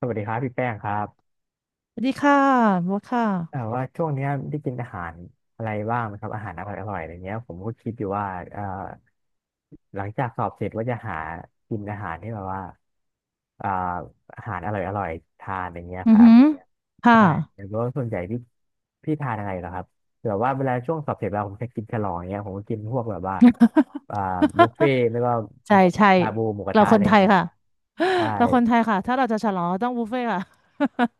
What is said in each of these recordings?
สวัสดีครับพี่แป้งครับสวัสดีค่ะโบัทค่ะ ว่าช่วงเนี้ยได้กินอาหารอะไรบ้างไหมครับอาหารอร่อยอร่อยอะไรเงี้ยผมก็คิดอยู่ว่าเอ่อหลังจากสอบเสร็จว่าจะหากินอาหารที่แบบว่าเอ่ออาหารอร่อยอร่อยทานอะไรเงี้ยอืคอรับหือค่ะใช่แต่ว่าส่วนใหญ่พี่ทานอะไรเหรอครับแบบว่าเวลาช่วงสอบเสร็จเราผมจะกินฉลองเงี้ยผมก็กินพวกแบบว่าเอ่อบุฟเฟ่ต์ไม่ก็ใช่ใช่ชาบูหมูกระเราทะคอะนไรไทยเงี้ยค่ะ ใช่ เราคนไทยค่ะ ถ้าเราจะฉลองเราต้องบุฟเฟ่ต์ค่ะ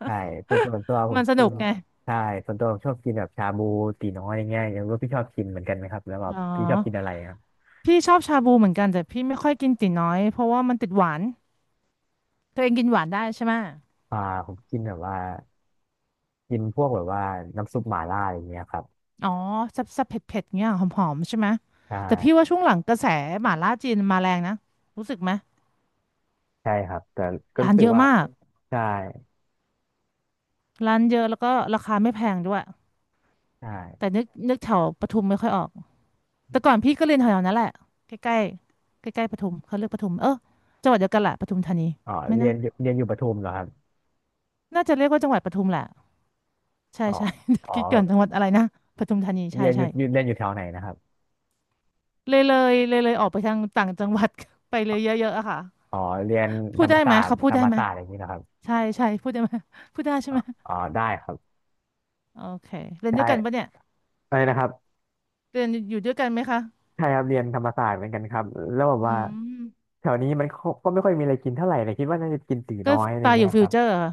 ใช่ส่วนตัวผ มัมนสกินุกนไง ใช่ส่วนตัวผมชอบกินแบบชาบูตีน้อยอย่างเงี้ยอย่างว่าพี่ชอบกินเหมือนกันไหมครับแล้วแบอ๋บพี่ชอบกินอะอ ไรครับพี่ชอบชาบูเหมือนกันแต่พี่ไม่ค่อยกินตี๋น้อยเพราะว่ามันติดหวาน ตัวเองกินหวานได้ใช่ไหม อ่าผมกินแบบว่ากินพวกแบบว่าน้ำซุปหม่าล่าอย่างเงี้ยครับอ๋อแซ่บๆเผ็ดๆเงี้ยหอมๆ ใช่ไหม ใชแต่พี่่ว่าช่วงหลังกระแสหม่าล่าจีนมาแรงนะรู้สึกไหมใช่ครับแต่ก็ร้ารู้นสึเยกอะว่ามากใช่ร้านเยอะแล้วก็ราคาไม่แพงด้วยใช่แต่นึกแถวปทุมไม่ค่อยออก แต่ก่อนพี่ก็เรียนแถวๆนั้นแหละใกล้ๆใกล้ๆปทุมเขาเรียกปทุมเออจังหวัดเดียวกันแหละปทุมธานีอ๋อไม่เรียนะนอยู่เรียนอยู่ปทุมเหรอครับน่าจะเรียกว่าจังหวัดปทุมแหละใช่อ๋อใช่ อ๋ อคิดก่อนจังหวัดอะไรนะปทุมธานีใช่เรียนอใช่ยู่อยู่เรียนอยู่แถวไหนนะครับเลยออกไปทางต่างจังหวัด ไปเลยเยอะๆอะค่ะอ๋อเรียนพูธรดรมได้ไหศามสตเขาร์พูธดรได้รมไหมศาสตร์อย่างนี้นะครับใช่ใช่พูดได้ไหมพูดได้ใช่ไหมอ๋อได้ครับโอเคเรียในด้วยกันปะเนี่ช่ยอะไรนะครับ เรียนอยู่ด้วยกันไหมคะใช่ครับเรียนธรรมศาสตร์เหมือนกันครับแล้วแบบอืว่ามแถวนี้มันก็ไม่ค่อยมีอะไรกินเท่าไหร่เลยคิดว่าน่าจะกินตีก็น้อยอะไรตายอเงี้ยู่ยฟิควรับเจอร์อะ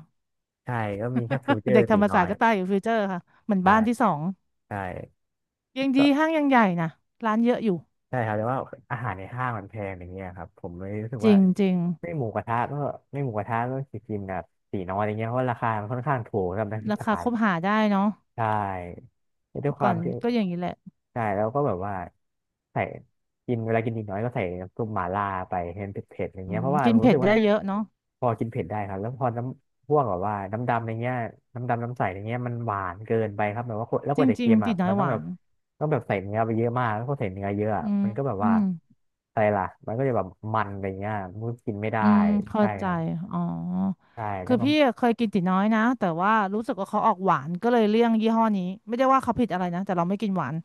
ใช่ก็มีแค่ฟิวเจอ เด็กร์ธรตีรมน้ศาอสตยร์ก็ตายอยู่ฟิวเจอร์ค่ะเหมือนใช่บ้านที่สองใช่ยังดีก็ห้างยังใหญ่นะร้านเยอะอยู่ ใช่ครับแต่ว่าอาหารในห้างมันแพงอย่างเงี้ยครับผมเลยรู้สึกจริว่างจริงไม่หมูกระทะก็ไม่หมูกระทะก็จะกินแบบตีน้อยอะไรเงี้ยเพราะราคามันค่อนข้างถูกสำหรับนักศึกราษา คาคบหาได้เนาะใช่ด้วแต่ยคก่วาอมนที่ก็อย่างนี้แหละใช่แล้วก็แบบว่าใส่กินเวลากินนิดน้อยก็ใส่น้ำซุปหม่าล่าไปให้มันเผ็ดๆอย่างอืเงี้ยเพมราะว่ากิผนมเผ็รู้สึดกได้ว่าเยอะเนาะพอกินเผ็ดได้ครับแล้วพอน้ำพวกแบบว่าน้ำดำอะไรเงี้ยน้ำดำน้ำใสอะไรเงี้ยมันหวานเกินไปครับแบบว่าคนแล้วจกรว่าจะิเค็งมๆติอ่ะดน้อมัยนหต้องวาแบบนต้องแบบใส่เนื้อไปเยอะมากแล้วพอใส่เนื้อเยอะอะอืมมันก็แบบอืว่ามอะไรล่ะมันก็จะแบบมันอะไรเงี้ยมันก็กินไม่ได้อืมเข้าใช่ใจครับอ๋อใช่แล้คืวอก็พี่อะเคยกินติดน้อยนะแต่ว่ารู้สึกว่าเขาออกหวานก็เลยเลี่ยงยี่ห้อนี้ไม่ได้ว่าเขาผิดอะไรนะแต่เราไม่กินหวาน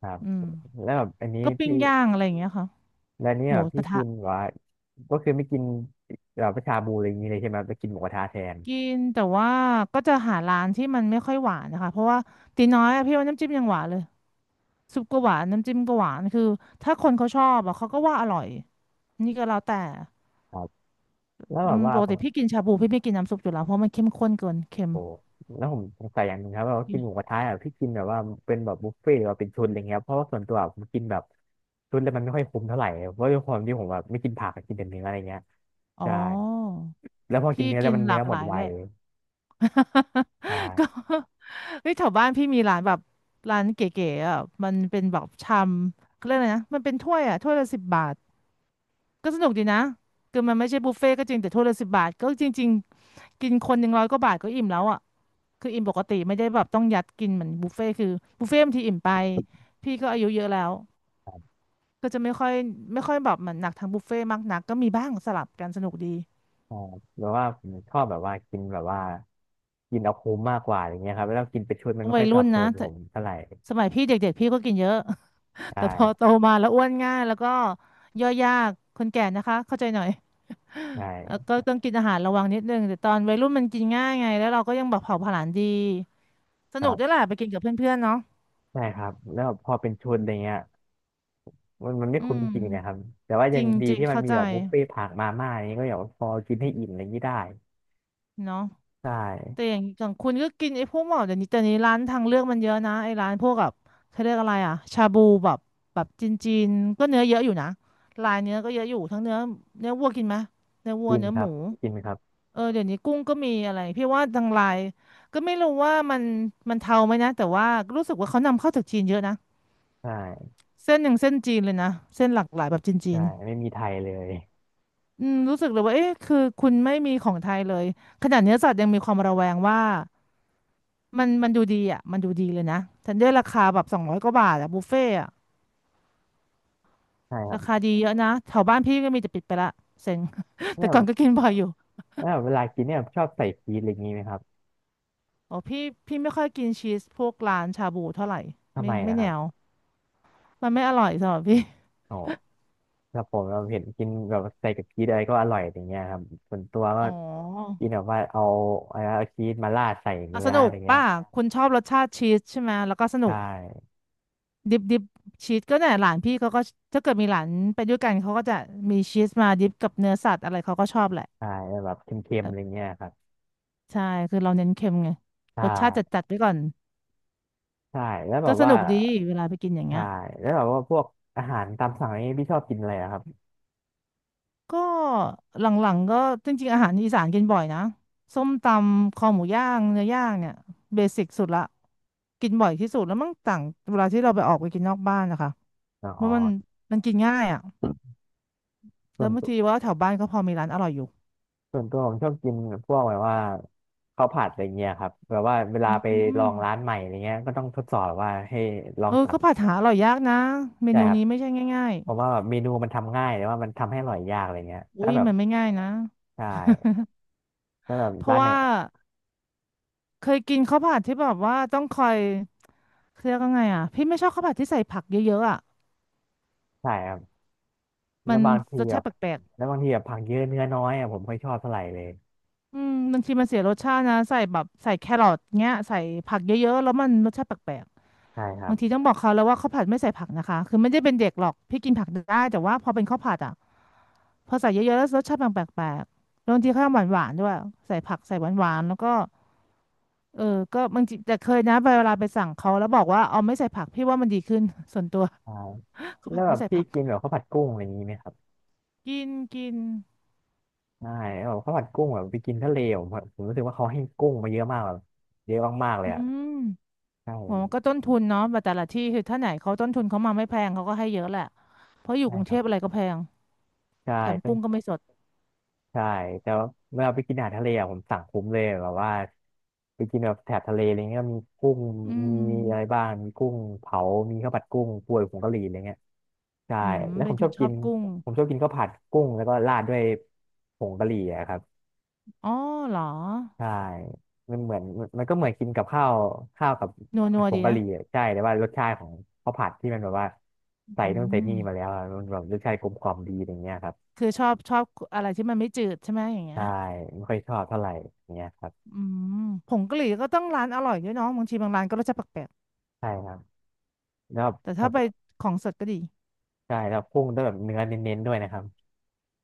ครับอืมแล้วแบบอันนี้ก็ปิ้งพี่ ย่างอะไรอย่างเงี้ยค่ะแล้วเนี่หยมูกพี่ระทะกินว่าก็คือไม่กินแบบชาบูอะไรอย่างนี้เลยใช่ไหมไปกินหมูกระทะแทนกินแต่ว่าก็จะหาร้านที่มันไม่ค่อยหวานนะคะเพราะว่าตีน้อยอะพี่ว่าน้ำจิ้มยังหวานเลย ซุปก็หวานน้ำจิ้มก็หวานคือถ้าคนเขาชอบอ่ะเขาก็ว่าอร่อยนี่ก็แล้วแต่ครับแล้วอืแบบมว่าปกผติมพี่กินชาบูพี่ไม่กินน้ำซุปอยู่แล้วเพราะมันเข้มข้นเกินเค็มโอ้แล้วผมสงสัยอย่างหนึงครับว่ากินหมูกระทะอ่ะพี่กินแบบว่าเป็นแบบบุฟเฟ่ต์หรือว่าเป็นชุดอะไรเงี้ยเพราะว่าส่วนตัวผมกินแบบชุดแล้วมันไม่ค่อยคุ้มเท่าไหร่เพราะด้วยความที่ผมแบบไม่กินผักกินแต่เนื้ออะไรเงี้ยอ๋ใช่อแล้วพอกิพี่นเนื้อแล้กิวนมันหลาเนื้อกหมหดลายไวแหละ ก็ใช่เฮ้ยแถวบ้านพี่มีร้านแบบร้านเก๋ๆอ่ะมันเป็นแบบชามเขาเรียกอะไรนะมันเป็นถ้วยอ่ะถ้วยละสิบบาทก็สนุกดีนะคือมันไม่ใช่บุฟเฟ่ต์ก็จริงแต่ถ้วยละสิบบาทก็จริงๆกินคน100 กว่าบาทก็อิ่มแล้วอ่ะ คืออิ่มปกติไม่ได้แบบต้องยัดกินเหมือนบุฟเฟ่ต์คือบุฟเฟ่ต์บางทีอิ่มไปพี่ก็อายุเยอะแล้วครับก็จะไม่ค่อยไม่ค่อยแบบเหมือนหนักทางบุฟเฟ่ต์มากนักก็มีบ้างสลับกันสนุกดีใช่แบบว่าผมชอบแบบว่ากินแบบว่ากินเอาคุ้มมากกว่าอย่างเงี้ยครับแล้วกินเป็นชุดมันไม่วัค่ยอยตรุ่อนบโจนะทย์แต่ผมเท่าไหร่สมัยพี่เด็กๆพี่ก็กินเยอะ ใ แต่พอโตช่ มาแล้วอ้วนง่ายแล้วก็ย่อยยากคนแก่นะคะเข้าใจหน่อยใช่เออก็ต้องกินอาหารระวังนิดนึงแต่ตอนวัยรุ่นมันกินง่ายไงแล้วเราก็ยังแบบเผาผลาญดีสคนุรักด้วยบแหละไปกินกับเพื่อนๆเนาะใช่ครับแล้วพอเป็นชุดอะไรเงี้ยมันไม่อืคุ้มมจริงนะครับแต่ว่าจยัรงดีิงที่ๆมันเข้ามีใจแบบบุฟเฟ่ต์ผักมาม่าอย่างเงี้ยก็อย่างว่าพอกินให้อิ่มอะไรอย่างงี้ได้เนาะ ใช่แต่อย่างอย่างคุณก็กินไอ้พวกหมอเดี๋ยวนี้แต่นี้ร้านทางเลือกมันเยอะนะไอ้ร้านพวกแบบเขาเรียกอะไรอะชาบูแบบแบบจีนจีนก็เนื้อเยอะอยู่นะลายเนื้อก็เยอะอยู่ทั้งเนื้อวัวกินไหมเนื้อวัวกินเนื้อคหรัมูบกินครับเออเดี๋ยวนี้กุ้งก็มีอะไรพี่ว่าทางไลน์ก็ไม่รู้ว่ามันเทาไหมนะแต่ว่ารู้สึกว่าเขานำเข้าจากจีนเยอะนะใช่เส้นหนึ่งเส้นจีนเลยนะเส้นหลากหลายแบบจีใช่นๆไม่มีไทยเลยอืมรู้สึกเลยว่าเอ๊ะคือคุณไม่มีของไทยเลยขนาดเนื้อสัตว์ยังมีความระแวงว่า มันดูดีอ่ะมันดูดีเลยนะทันเดอร์ราคาแบบ200 กว่าบาทอ่ะบุฟเฟ่อะใช่ครัราบคาดีเยอะนะแถวบ้านพี่ก็มีแต่ปิดไปละเซ็ง แต่แล้วก่อนก็กินบ่อยอยู่แล้วเวลากินเนี่ยชอบใส่ชีสอะไรอย่างงี้ไหมครับอ๋อพี่ไม่ค่อยกินชีสพวกร้านชาบูเท่าไหร่ทำไม่ไมไม่นะคแนรับวมันไม่อร่อยสำหรับพี่โอ้ถ้าผมเราเห็นกินแบบใส่กับชีสอะไรก็อร่อยอย่างเงี้ยครับส่วนตัวก็อ๋อกินแบบว่าเอาเชีสมาราดใส่อ่ะเนื้สอนุอะกไรเงี้ยป่ะคุณชอบรสชาติชีสใช่ไหมแล้วก็สใชนุก่ดิบดิบชีสก็เนี่ยหลานพี่เขาก็ถ้าเกิดมีหลานไปด้วยกันเขาก็จะมีชีสมาดิบกับเนื้อสัตว์อะไรเขาก็ชอบแหละใช่แบบเค็มเอๆอะอไรเงี้ยครับ ใช่คือเราเน้นเค็มไงใช่รสชาติจัดจัดไว้ก่อน ใช่แล้วแบก็บสว่านุกดีเวลาไปกินอย่างเงี้ใช่ยแล้วแบบว่าพวกอาหารตามสั่งอะไรนี้พี่ชอบกินอะไรอะครับก็หลังๆก็จริงๆอาหารอีสานกินบ่อยนะส้มตำคอหมูย่างเนื้อย่างเนี่ยเบสิกสุดละกินบ่อยที่สุดแล้วมังต่างเวลาที่เราไปออกไปกินนอกบ้านนะคะอ๋เพอราะมันกินง่ายอ่ะส่แล้ววนบางตัวทีว่าแถวบ้านก็พอมีร้านอร่อยอยู่ผมชอบกินพวกแบบว่าข้าวผัดอะไรเงี้ยครับแบบว่าเวลาอืไปลอมงร้านใหม่อะไรเงี้ยก็ต้องทดสอบว่าให้ลอเองอตัก็กผัดหาอร่อยยากนะเมใช่นูครับนี้ไม่ใช่ง่ายเพราะว่าแบบเมนูมันทำง่ายแต่ว่ามันทำให้อร่อยยากอะไรเงี้ยๆอุ้ถ้ายแบบมันไม่ง่ายนะ ใช่ถ้าแบบ เพร้าราะนไหนว่าเคยกินข้าวผัดที่แบบว่าต้องคอย เครียกวันไงอ่ะพี่ไม่ชอบข้าวผัดที่ใส่ผักเยอะๆอ่ะใช่ครับแล้มัวนบางทีรสแบชาบติแปลกแล้วบางทีแบบผักเยอะเนื้อน้อยอะผมไม่ค่อยชอบเท่าไหร่เลยๆอืมบางทีมันเสียรสชาตินะใส่แบบใส่แครอทเงี้ยใส่ผักเยอะๆแล้วมันรสชาติแปลกใช่คๆรับาบงทีต้องบอกเขาแล้วว่าข้าวผัดไม่ใส่ผักนะคะคือไม่ได้เป็นเด็กหรอกพี่กินผักได้แต่ว่าพอเป็นข้าวผัดอ่ะพอใส่เยอะๆแล้วรสชาติมันแปลกๆแล้วบางทีเขาทำหวานๆด้วยใส่ผักใส่หวานๆแล้วก็เออก็บางทีแต่เคยนะเวลาไปสั่งเขาแล้วบอกว่าเอาไม่ใส่ผักพี่ว่ามันดีขึ้นส่วนตัว ใช่ ข้าวแล้ผัดวแบไม่บใส่พี่ผักกินแบบข้าวผัดกุ้งอะไรอย่างนี้ไหมครับ กินกินใช่แบบข้าวผัดกุ้งแบบไปกินทะเลผมรู้สึกว่าเขาให้กุ้งมาเยอะมากแบบเยอะมากๆเลอืยอ่ะม ใช่โอ้ก็ต้นทุนเนาะแบบแต่ละที่คือถ้าไหนเขาต้นทุนเขามาไม่แพงเขาก็ให้เยอะแหละ เพราะอยู่ใช่กรุงคเทรัพอะบไรก็แพงใช่แถมเป็นกุ้งก็ไม่สดใช่แต่ว่าเวลาไปกินอาหารทะเลอะผมสั่งคุ้มเลยแบบว่าไปกินแบบแถบทะเลอะไรเงี้ยมีกุ้งอืมีอะไรมบ้างมีกุ้งเผามีข้าวผัดกุ้งป่วยผงกะหรี่อะไรเงี้ยใช่อืม แล้วผเป็นมคชอนบชกิอบนกุ้ง ผมชอบกินข้าวผัดกุ้งแล้วก็ราดด้วยผงกะหรี่อะครับ อ๋อเหรอใช่มันเหมือนมันก็เหมือนกินกับข้าวข้าวกับนัวผันัดวผดีงกะหนะรี่อะใช่แต่ว่ารสชาติของข้าวผัดที่มันแบบว่าใส่อืนู่นใส่นี่มาแล้มวอะมันแบบรสชาติกลมกล่อมดีอย่างเงี้ยครับคือชอบอะไรที่มันไม่จืดใช่ไหมอย่างเงี้ใช่ยไม่ค่อยชอบเท่าไหร่อย่างเงี้ยครับอืมผงกะหรี่ก็ต้องร้านอร่อยด้วยเน้องบางทีบางร้านก็รสชาติแปลกใช่ครับแล้วๆแต่ผัถ้าไปดของสดก็ดี ใช่แล้วกุ้งต้องแบบเนื้อเน้นๆด้วยนะครับ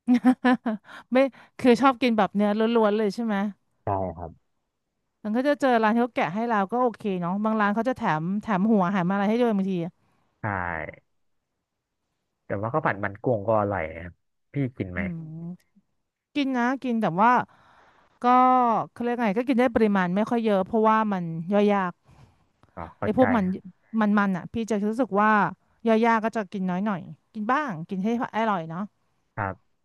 ไม่คือชอบกินแบบเนื้อล้วนๆเลยใช่ไหม ใช่ครับมันก็จะเจอร้านที่เขาแกะให้เราก็โอเคเนาะบางร้านเขาจะแถมหัวแถมอะไรให้ด้วยบางทีอะใช่แต่ว่าข้าวผัดมันกุ้งก็อร่อยนะครับพี่กินไหมอืมกินนะกินแต่ว่าก็เขาเรียกไงก็กินได้ปริมาณไม่ค่อยเยอะเพราะว่ามันย่อยยากอ๋อเข้าไอ้พใจวกนะมันมันอ่ะพี่จะรู้สึกว่าย่อยยากก็จะกินน้อยหน่อยกินบ้างกินให้อร่อยเนาะครับ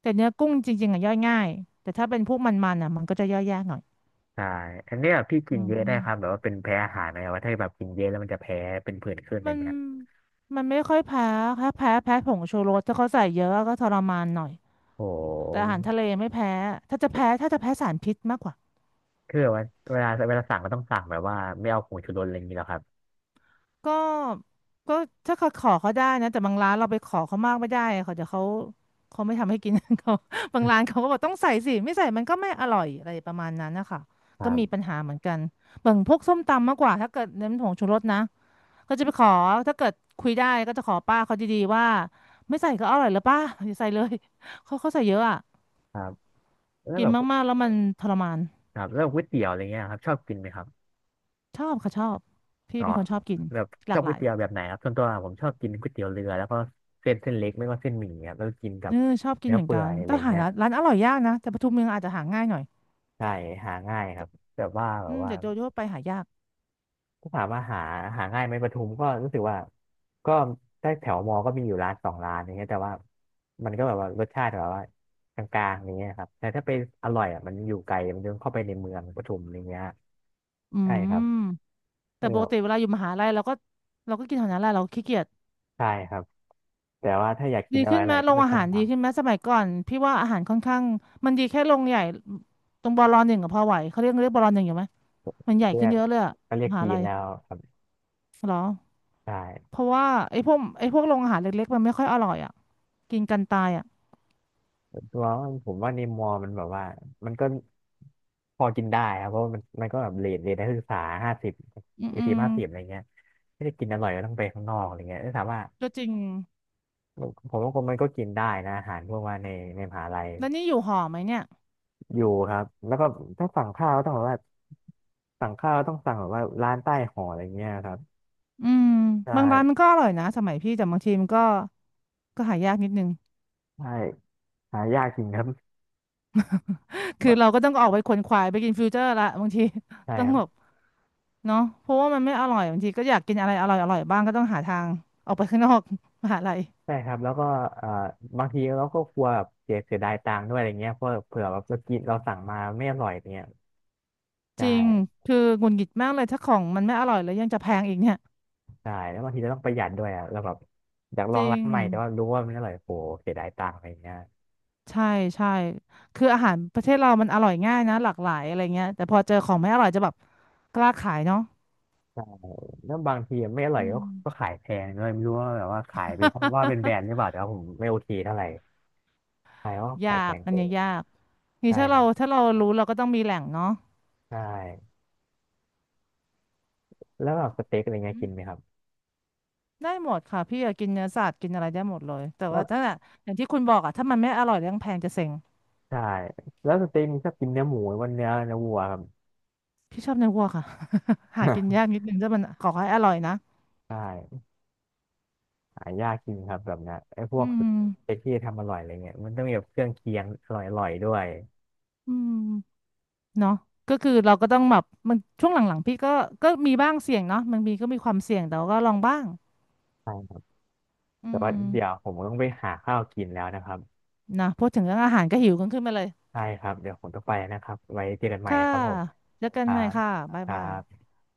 แต่เนื้อกุ้งจริงๆอ่ะย่อยง่ายแต่ถ้าเป็นพวกมันมันอ่ะมันก็จะย่อยยากหน่อยใช่อันเนี้ยพี่กิอืนเยอะได้ครับแบมบว่าเป็นแพ้อาหารไหมว่าถ้าแบบกินเยอะแล้วมันจะแพ้เป็นผื่นขึ้นอมัย่างนเงี้ยมันไม่ค่อยแพ้แค่แพ้ผงชูรสถ้าเขาใส่เยอะก็ทรมานหน่อย โอแต่อา้ หารทะเลไม่แพ้ถ้าจะแพ้สารพิษมากกว่าคือแบบว่าเวลาสั่งก็ต้องสั่งแบบว่าไม่เอาผงชูรสอะไรอย่างนี้หรอครับ ก็ก็ถ้าเขาขอเขาได้นะแต่บางร้านเราไปขอเขามากไม่ได้เขาเดี๋ยวเขาเขาไม่ทำให้กิน เขาบางร้านเขาก็บอกต้องใส่สิไม่ใส่มันก็ไม่อร่อยอะไรประมาณนั้นนะคะ คก็รัมีบปัญหาเหมือนกันบางพวกส้มตำมากกว่าถ้าเกิดเน้นผงชูรสนะก็จะไปขอถ้าเกิดคุยได้ก็จะขอป้าเขาดีๆว่าไม่ใส่ก็อร่อยแล้วป้าอย่าใส่เลย เขาใส่เยอะอ่ะครับแล้วกิแบนบมากๆแล้วมันทรมานครับแล้วก๋วยเตี๋ยวอะไรเงี้ยครับชอบกินไหมครับชอบค่ะชอบพี่อ๋อเป็นคนชอบกินแบบหชลาอกบหก๋วลายย เตี๋ยวแบบไหนครับส่วนตัวผมชอบกินก๋วยเตี๋ยวเรือแล้วก็เส้นเล็กไม่ก็เส้นหมี่ครับแล้วก็กินกัเอบอชอบกินเนื้อเหมือนเปื่กัอนยอะไรแต่หาเงี้ยร้านอร่อยยากนะแต่ปทุมเมืองอาจจะหาง่ายหน่อยใช่หาง่ายครับแบบว่าแบอืบมว่า แต่โดยทั่วไปหายากถ้าถามว่าหาง่ายไหมปทุมก็รู้สึกว่าก็ใต้แถวมอก็มีอยู่ร้านสองร้านอย่างเงี้ยแต่ว่ามันก็แบบว่ารสชาติแบบว่ากลางๆอย่างเงี้ยครับแต่ถ้าไปอร่อยอ่ะมันอยู่ไกลมันต้องเข้าไปในเมืองปทุมอย่างเงี้ยอืใช่ครับมแต่เนี่ปยกติเวลาอยู่มหาลัยเราก็เราก็กินแถวนั้นแหละเราขี้เกียจใช่ครับแต่ว่าถ้าอยากกิดีนอะไรขึ้นอะไหมไรโรก็งจะอาสั่งหารดีมาขึ้นไหมสมัยก่อนพี่ว่าอาหารค่อนข้างมันดีแค่โรงใหญ่ตรงบอลหนึ่งกับพอไหวเขาเรียกบอลหนึ่งอยู่ไหมมันใหญ่เรีขึ้ยนกเยอะเลยอะก็เรียมกหากิลันยแล้วครับเหรอใชเพ่ ราะว่าไอ้พวกโรงอาหารเล็กๆมันไม่ค่อยอร่อยอ่ะกินกันตายอ่ะส่วนตัวผมว่าในมอร์มันแบบว่ามันก็พอกินได้ครับเพราะว่ามันก็แบบเรทนักศึกษาห้าสิบอืมสี่อืสิบมห้าสิบอะไรเงี้ยไม่ได้กินอร่อยก็ต้องไปข้างนอกอะไรเงี้ยแต่ถามว่าก็จริงผมว่าคนมันก็กินได้นะอาหารพวกว่าในมหาลัยแล้วนี่อยู่หอไหมเนี่ย อยู่ครับแล้วก็ถ้าสั่งข้าวก็ต้องแบบว่าสั่งข้าวต้องสั่งแบบว่าร้านใต้หออะไรเงี้ยครับอืมใช่บางร้านมันก็อร่อยนะสมัยพี่แต่บางทีมันก็หายากนิดนึง ใช่หายากจริงครับ คือเราบะก็ต้องออกไปขวนขวายไปกินฟิวเจอร์ละบางที ใช่ ต้อคงรับ แบบเนาะเพราะว่ามันไม่อร่อยบางทีก็อยากกินอะไรอร่อยอร่อยบ้างก็ต้องหาทางออกไปข้างนอก มหาลัยใช่ครับแล้วก็เอ่อบางทีเราก็กลัวแบบเสียดายตังค์ด้วยอะไรเงี้ยเพราะเผื่อแบบเรากินเราสั่งมาไม่อร่อยเงี้ยใชจริง่คือหงุดหงิดมากเลยถ้าของมันไม่อร่อยแล้วยังจะแพงอีกเนี่ยใช่แล้วบางทีเราต้องประหยัดด้วยอ่ะเราแบบอยากลจองริร้านงใหม่แต่ว่ารู้ว่ามันไม่อร่อยโหเสียดายตังค์อะไรเงี้ยใช่ใช่คืออาหารประเทศเรามันอร่อยง่ายนะหลากหลายอะไรเงี้ยแต่พอเจอของไม่อร่อยจะแบบกล้าขายเนาะใช่แล้วบางทีไม่อร่อือยก็ม ก็ขายแพงด้วยไม่รู้ว่าแบบว่าขายไปเพราะว่าเป็นแบรนด์หรือเปล่าแต่ว่าผมไม่โอเคเท่าไหร่ใช่เพราะว่า ยาขายแพกงอันเกิเนี้ยนยาก นี่ใช่ถ้าคเรารับรู้เราก็ต้องมีแหล่งเนาะใช่แล้วแบบสเต็กอะไรอืเงี้ยกินไหมมครับได้หมดค่ะพี่อยากกินเนื้อสัตว์กินอะไรได้หมดเลยแต่แล้วว่าถ้าอย่างที่คุณบอกอะถ้ามันไม่อร่อยเรื่องแพงจะเซ็งใช่แล้วสเต็กมีชอบกินเนื้อหมูหรือว่าเนื้อวัวครับ พี่ชอบเนื้อวัวค่ะ หากินยากนิดนึงถ้ามันขอให้อร่อยนะ ใช่ หายากจริงครับแบบเนี้ยไอ้พวอืกสเปมกที่ทำอร่อยอะไรเงี้ยมันต้องมีแบบเครื่องเคียงอร่อยๆด้วยอืมเนาะก็คือเราก็ต้องแบบมันช่วงหลังๆพี่ก็มีบ้างเสี่ยงเนาะมันมีก็มีความเสี่ยงแต่ว่าก็ลองบ้างใช่ครับอืแต่ว่าเดี๋ยวมผมต้องไปหาข้าวกินแล้วนะครับนะพูดถึงเรื่องอาหารก็หิวกันขึ้นมาเลยใช่ครับเดี๋ยวผมต้องไปนะครับไว้เจอกันใหม่ค่ะครับผมเจอกัคนรัใหม่บค่ะบ๊ายครับายบ